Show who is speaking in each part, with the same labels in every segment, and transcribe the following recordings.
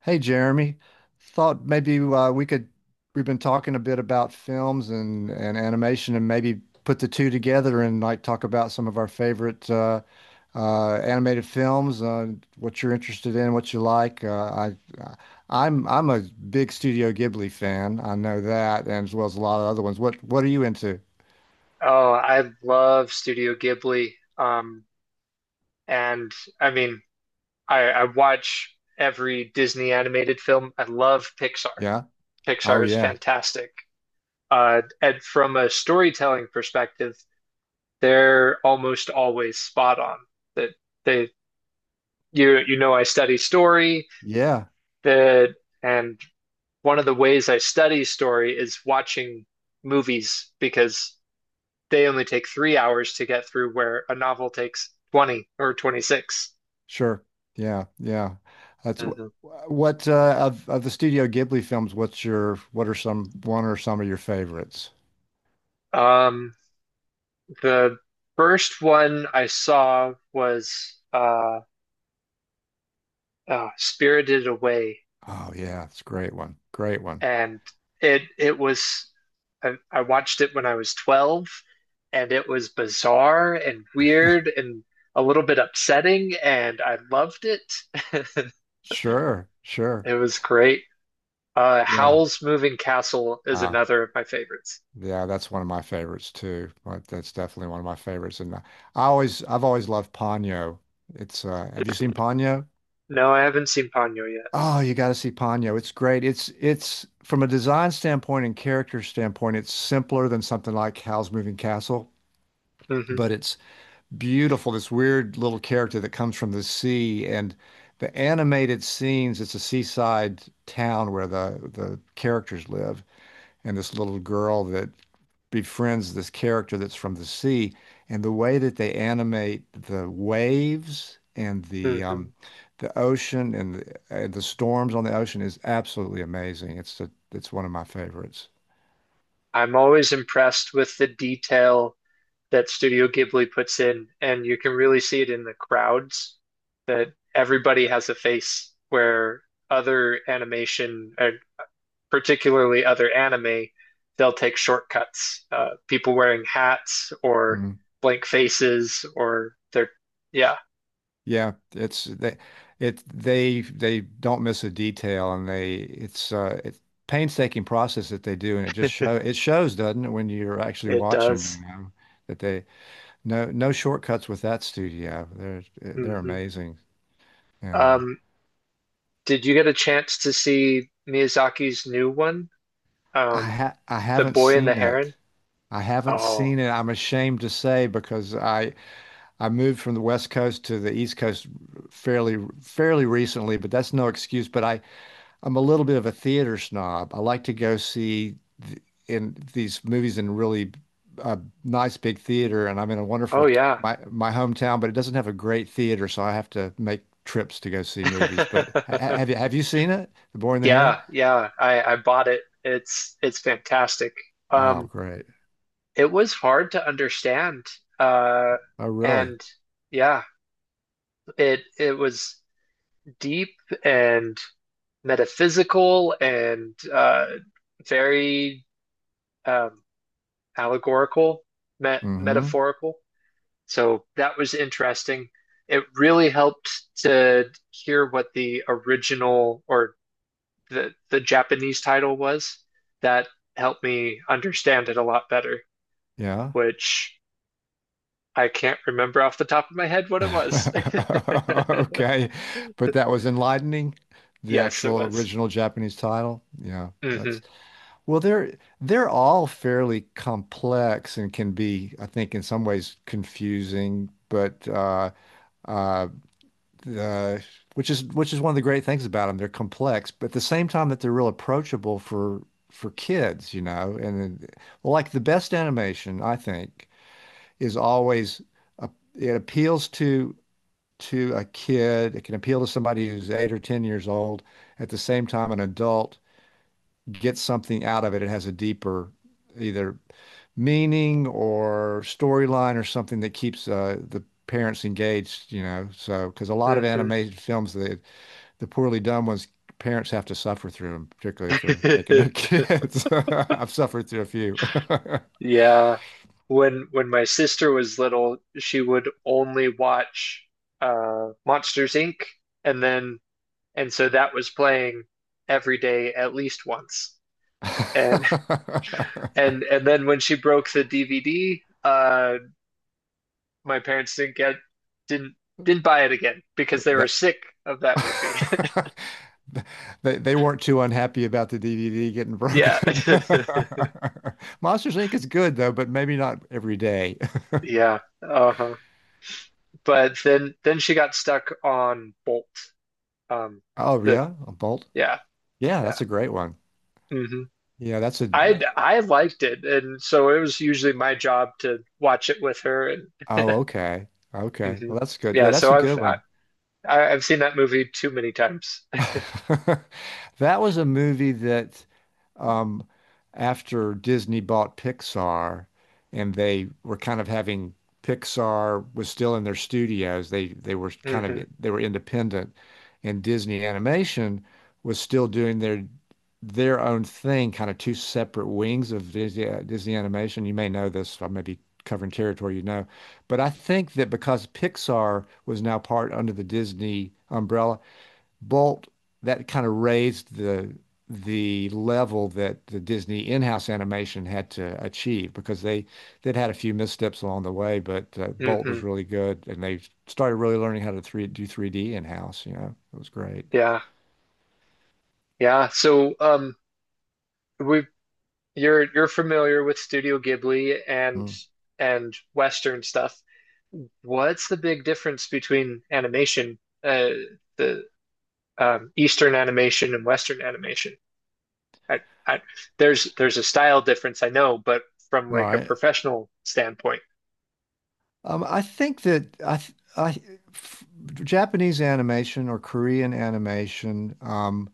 Speaker 1: Hey Jeremy, thought maybe we could we've been talking a bit about films and animation and maybe put the two together and like talk about some of our favorite animated films. What you're interested in, what you like. I I- am I'm a big Studio Ghibli fan. I know that, and as well as a lot of other ones. What are you into?
Speaker 2: Oh, I love Studio Ghibli. And I mean, I watch every Disney animated film. I love Pixar.
Speaker 1: Yeah. Oh
Speaker 2: Pixar is
Speaker 1: yeah.
Speaker 2: fantastic. And from a storytelling perspective, they're almost always spot on. That they, I study story.
Speaker 1: Yeah.
Speaker 2: That and One of the ways I study story is watching movies because they only take 3 hours to get through, where a novel takes 20 or 26.
Speaker 1: Sure. Yeah. Yeah. That's
Speaker 2: Mhm.
Speaker 1: wh- what Of the Studio Ghibli films, what's your what are some one or some of your favorites?
Speaker 2: Um, the first one I saw was Spirited Away,
Speaker 1: Oh yeah, it's a great one. Great one.
Speaker 2: and it was I watched it when I was 12, and it was bizarre and weird and a little bit upsetting, and I loved it.
Speaker 1: Sure. Sure.
Speaker 2: It was great.
Speaker 1: Yeah.
Speaker 2: Howl's Moving Castle is
Speaker 1: Uh
Speaker 2: another of my favorites.
Speaker 1: yeah, that's one of my favorites too. But that's definitely one of my favorites. And I always I've always loved Ponyo. It's have you seen Ponyo?
Speaker 2: No, I haven't seen Ponyo yet.
Speaker 1: Oh, you got to see Ponyo. It's great. It's from a design standpoint and character standpoint, it's simpler than something like Howl's Moving Castle,
Speaker 2: hmm
Speaker 1: but it's beautiful, this weird little character that comes from the sea. And the animated scenes, it's a seaside town where the characters live, and this little girl that befriends this character that's from the sea. And the way that they animate the waves and
Speaker 2: hmm
Speaker 1: the ocean and the storms on the ocean is absolutely amazing. It's one of my favorites.
Speaker 2: I'm always impressed with the detail that Studio Ghibli puts in, and you can really see it in the crowds that everybody has a face where other animation, particularly other anime, they'll take shortcuts. People wearing hats or
Speaker 1: Mhm.
Speaker 2: blank faces yeah,
Speaker 1: Yeah, it's they, it they don't miss a detail, and they it's painstaking process that they do, and it shows, doesn't it, when you're actually
Speaker 2: it
Speaker 1: watching, you
Speaker 2: does.
Speaker 1: know, that they no no shortcuts with that studio. They're
Speaker 2: hmm
Speaker 1: amazing. Yeah,
Speaker 2: Um, did you get a chance to see Miyazaki's new one? Um,
Speaker 1: I
Speaker 2: The
Speaker 1: haven't
Speaker 2: Boy and the
Speaker 1: seen
Speaker 2: Heron.
Speaker 1: it. I haven't
Speaker 2: Oh,
Speaker 1: seen it. I'm ashamed to say because I moved from the West Coast to the East Coast fairly recently, but that's no excuse. But I I'm a little bit of a theater snob. I like to go see th in these movies in really uh, nice big theater, and I'm in a
Speaker 2: oh
Speaker 1: wonderful
Speaker 2: yeah.
Speaker 1: my hometown, but it doesn't have a great theater, so I have to make trips to go see movies. But have you seen it, The Boy and the Heron?
Speaker 2: Yeah, yeah. I bought it. It's fantastic.
Speaker 1: Oh,
Speaker 2: Um,
Speaker 1: great!
Speaker 2: it was hard to understand. Uh,
Speaker 1: Oh, really?
Speaker 2: and Yeah, it was deep and metaphysical and very um allegorical,
Speaker 1: Mm-hmm.
Speaker 2: metaphorical. So that was interesting. It really helped to hear what the original or the Japanese title was. That helped me understand it a lot better,
Speaker 1: Yeah.
Speaker 2: which I can't remember off the top of my head what it was.
Speaker 1: Okay, but that was enlightening. The
Speaker 2: Yes, it
Speaker 1: actual
Speaker 2: was.
Speaker 1: original Japanese title. Yeah, that's.
Speaker 2: hmm
Speaker 1: Well, they're all fairly complex and can be, I think, in some ways confusing, but uh, uh, which is one of the great things about them. They're complex, but at the same time that they're real approachable for kids, you know. Well, like the best animation, I think, is always a, it appeals to a kid. It can appeal to somebody who's 8 or 10 years old. At the same time, an adult get something out of it. It has a deeper either meaning or storyline or something that keeps the parents engaged, you know. So, because a lot of
Speaker 2: hmm
Speaker 1: animated films, the poorly done ones, parents have to suffer through them, particularly if they're taking their kids. I've suffered through a few.
Speaker 2: Yeah. When my sister was little, she would only watch Monsters Inc. and then And so that was playing every day at least once. And and then when she broke the DVD, my parents didn't get didn't didn't buy it again because they were
Speaker 1: That-
Speaker 2: sick of that movie.
Speaker 1: They weren't too unhappy about the DVD getting
Speaker 2: Yeah.
Speaker 1: broken. Monsters Inc. is good though, but maybe not every day.
Speaker 2: Yeah. Uh-huh. But then she got stuck on Bolt. Um
Speaker 1: Oh
Speaker 2: the
Speaker 1: yeah, a bolt.
Speaker 2: Yeah,
Speaker 1: Yeah,
Speaker 2: yeah.
Speaker 1: that's a great one.
Speaker 2: hmm
Speaker 1: Yeah, that's a.
Speaker 2: I liked it and so it was usually my job to watch it with her and
Speaker 1: Oh, okay. Okay.
Speaker 2: mhm.
Speaker 1: Well, that's good.
Speaker 2: Yeah,
Speaker 1: Yeah, that's
Speaker 2: so
Speaker 1: a
Speaker 2: I've
Speaker 1: good
Speaker 2: I,
Speaker 1: one.
Speaker 2: I, I've seen that movie too many times.
Speaker 1: That was a movie that, um, after Disney bought Pixar, and they were kind of having Pixar was still in their studios. They were kind of
Speaker 2: hmm
Speaker 1: they were independent, and Disney Animation was still doing their own thing, kind of two separate wings of Disney, Disney Animation. You may know this. I may be covering territory you know, but I think that because Pixar was now part under the Disney umbrella. Bolt, that kind of raised the level that the Disney in-house animation had to achieve because they they'd had a few missteps along the way, but Bolt
Speaker 2: hmm
Speaker 1: was really good, and they started really learning how to three do 3D in-house. You know, it was great.
Speaker 2: Yeah. Yeah. So, we you're familiar with Studio Ghibli and
Speaker 1: Mm.
Speaker 2: Western stuff. What's the big difference between animation, uh, the Eastern animation and Western animation? I, I, there's a style difference, I know, but from like a
Speaker 1: Right.
Speaker 2: professional standpoint.
Speaker 1: I think that I, th- I f- Japanese animation or Korean animation,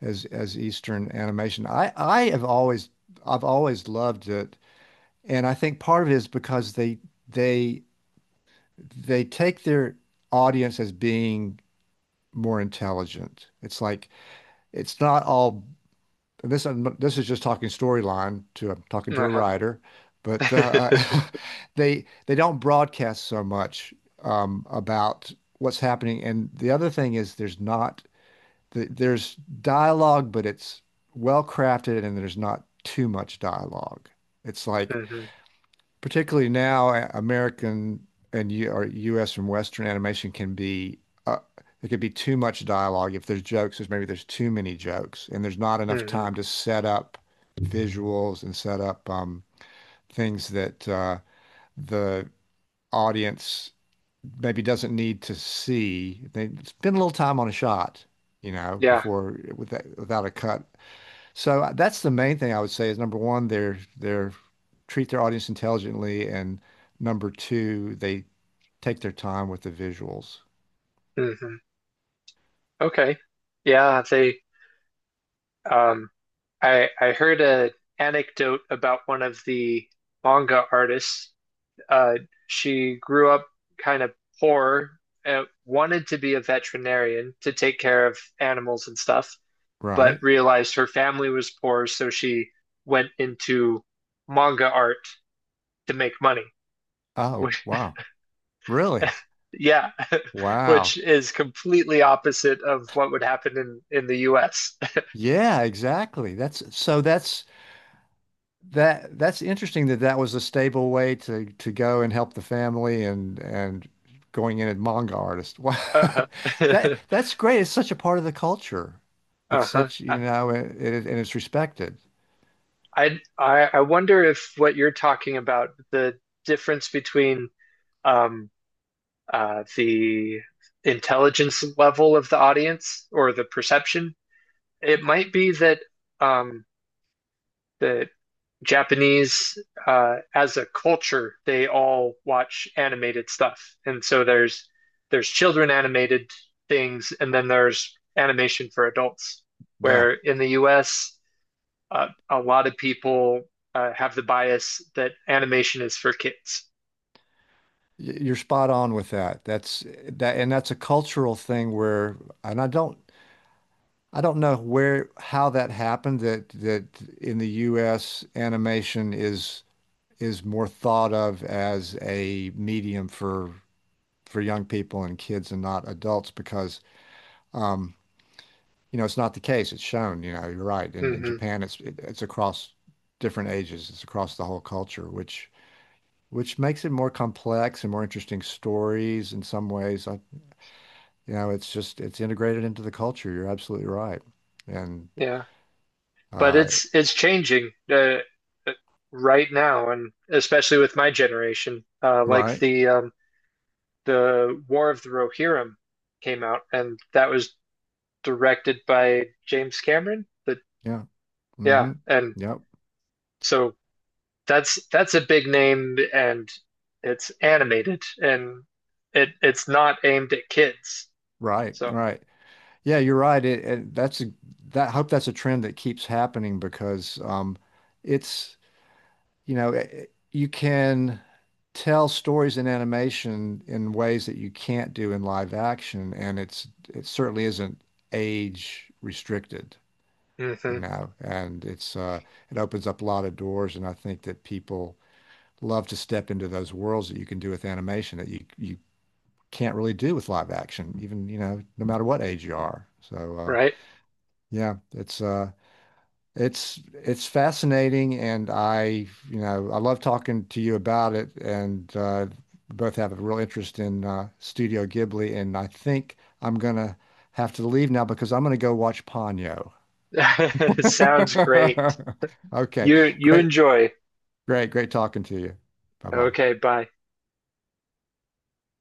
Speaker 1: as Eastern animation, I have always I've always loved it. And I think part of it is because they they take their audience as being more intelligent. It's like it's not all this this is just talking storyline to I'm talking to a
Speaker 2: Uh-huh.
Speaker 1: writer, but they don't broadcast so much about what's happening. And the other thing is there's not there's dialogue, but it's well crafted and there's not too much dialogue. It's like
Speaker 2: hmm
Speaker 1: particularly now, American and U or U.S. and Western animation can be uh, there could be too much dialogue. If there's jokes, there's too many jokes, and there's not enough
Speaker 2: hmm
Speaker 1: time to set up visuals and set up things that the audience maybe doesn't need to see. They spend a little time on a shot, you know,
Speaker 2: Yeah.
Speaker 1: before without a cut. So that's the main thing I would say is number one, they're treat their audience intelligently, and number two, they take their time with the visuals,
Speaker 2: hmm Okay. Yeah, they Um, I heard a anecdote about one of the manga artists. Uh, she grew up kind of poor, wanted to be a veterinarian to take care of animals and stuff, but
Speaker 1: right?
Speaker 2: realized her family was poor, so she went into manga art to make money.
Speaker 1: Oh,
Speaker 2: Which,
Speaker 1: wow. Really?
Speaker 2: yeah, which
Speaker 1: Wow.
Speaker 2: is completely opposite of what would happen in the US.
Speaker 1: Yeah, exactly. That's that that's interesting that that was a stable way to go and help the family and going in as manga artist. Wow.
Speaker 2: Uh-huh.
Speaker 1: That that's great. It's such a part of the culture. It's
Speaker 2: Uh-huh.
Speaker 1: such, you know, and it's respected.
Speaker 2: I wonder if what you're talking about, the difference between um the intelligence level of the audience or the perception, it might be that um that Japanese as a culture, they all watch animated stuff. And so there's children animated things and then there's animation for adults.
Speaker 1: Yeah.
Speaker 2: Where in the US a lot of people have the bias that animation is for kids.
Speaker 1: You're spot on with that. And that's a cultural thing where, and I don't know where, how that happened that that in the U.S. animation is more thought of as a medium for young people and kids and not adults because, um, you know, it's not the case. It's shown, you know, you're right. In
Speaker 2: hmm
Speaker 1: Japan, it's across different ages. It's across the whole culture, which makes it more complex and more interesting stories in some ways. You know, it's just it's integrated into the culture. You're absolutely right. And
Speaker 2: Yeah, but
Speaker 1: uh
Speaker 2: it's changing uh, right now, and especially with my generation. Like
Speaker 1: right.
Speaker 2: the War of the Rohirrim came out, and that was directed by James Cameron. But
Speaker 1: Yeah.
Speaker 2: yeah,
Speaker 1: Hmm.
Speaker 2: and
Speaker 1: Yep.
Speaker 2: so that's a big name, and it's animated, and it's not aimed at kids.
Speaker 1: Right.
Speaker 2: So,
Speaker 1: Right. Yeah, you're right. It that's a, that I hope that's a trend that keeps happening because it's you know I you can tell stories in animation in ways that you can't do in live action and it certainly isn't age restricted, you
Speaker 2: hmm
Speaker 1: know, and it's it opens up a lot of doors and I think that people love to step into those worlds that you can do with animation that you can't really do with live action, even, you know, no matter what age you are. So
Speaker 2: right?
Speaker 1: yeah, it's fascinating and I, you know, I love talking to you about it and both have a real interest in Studio Ghibli and I think I'm gonna have to leave now because I'm gonna go watch Ponyo.
Speaker 2: Sounds great.
Speaker 1: Okay.
Speaker 2: You
Speaker 1: Great,
Speaker 2: enjoy.
Speaker 1: great, great talking to you. Bye
Speaker 2: Okay,
Speaker 1: bye.
Speaker 2: bye.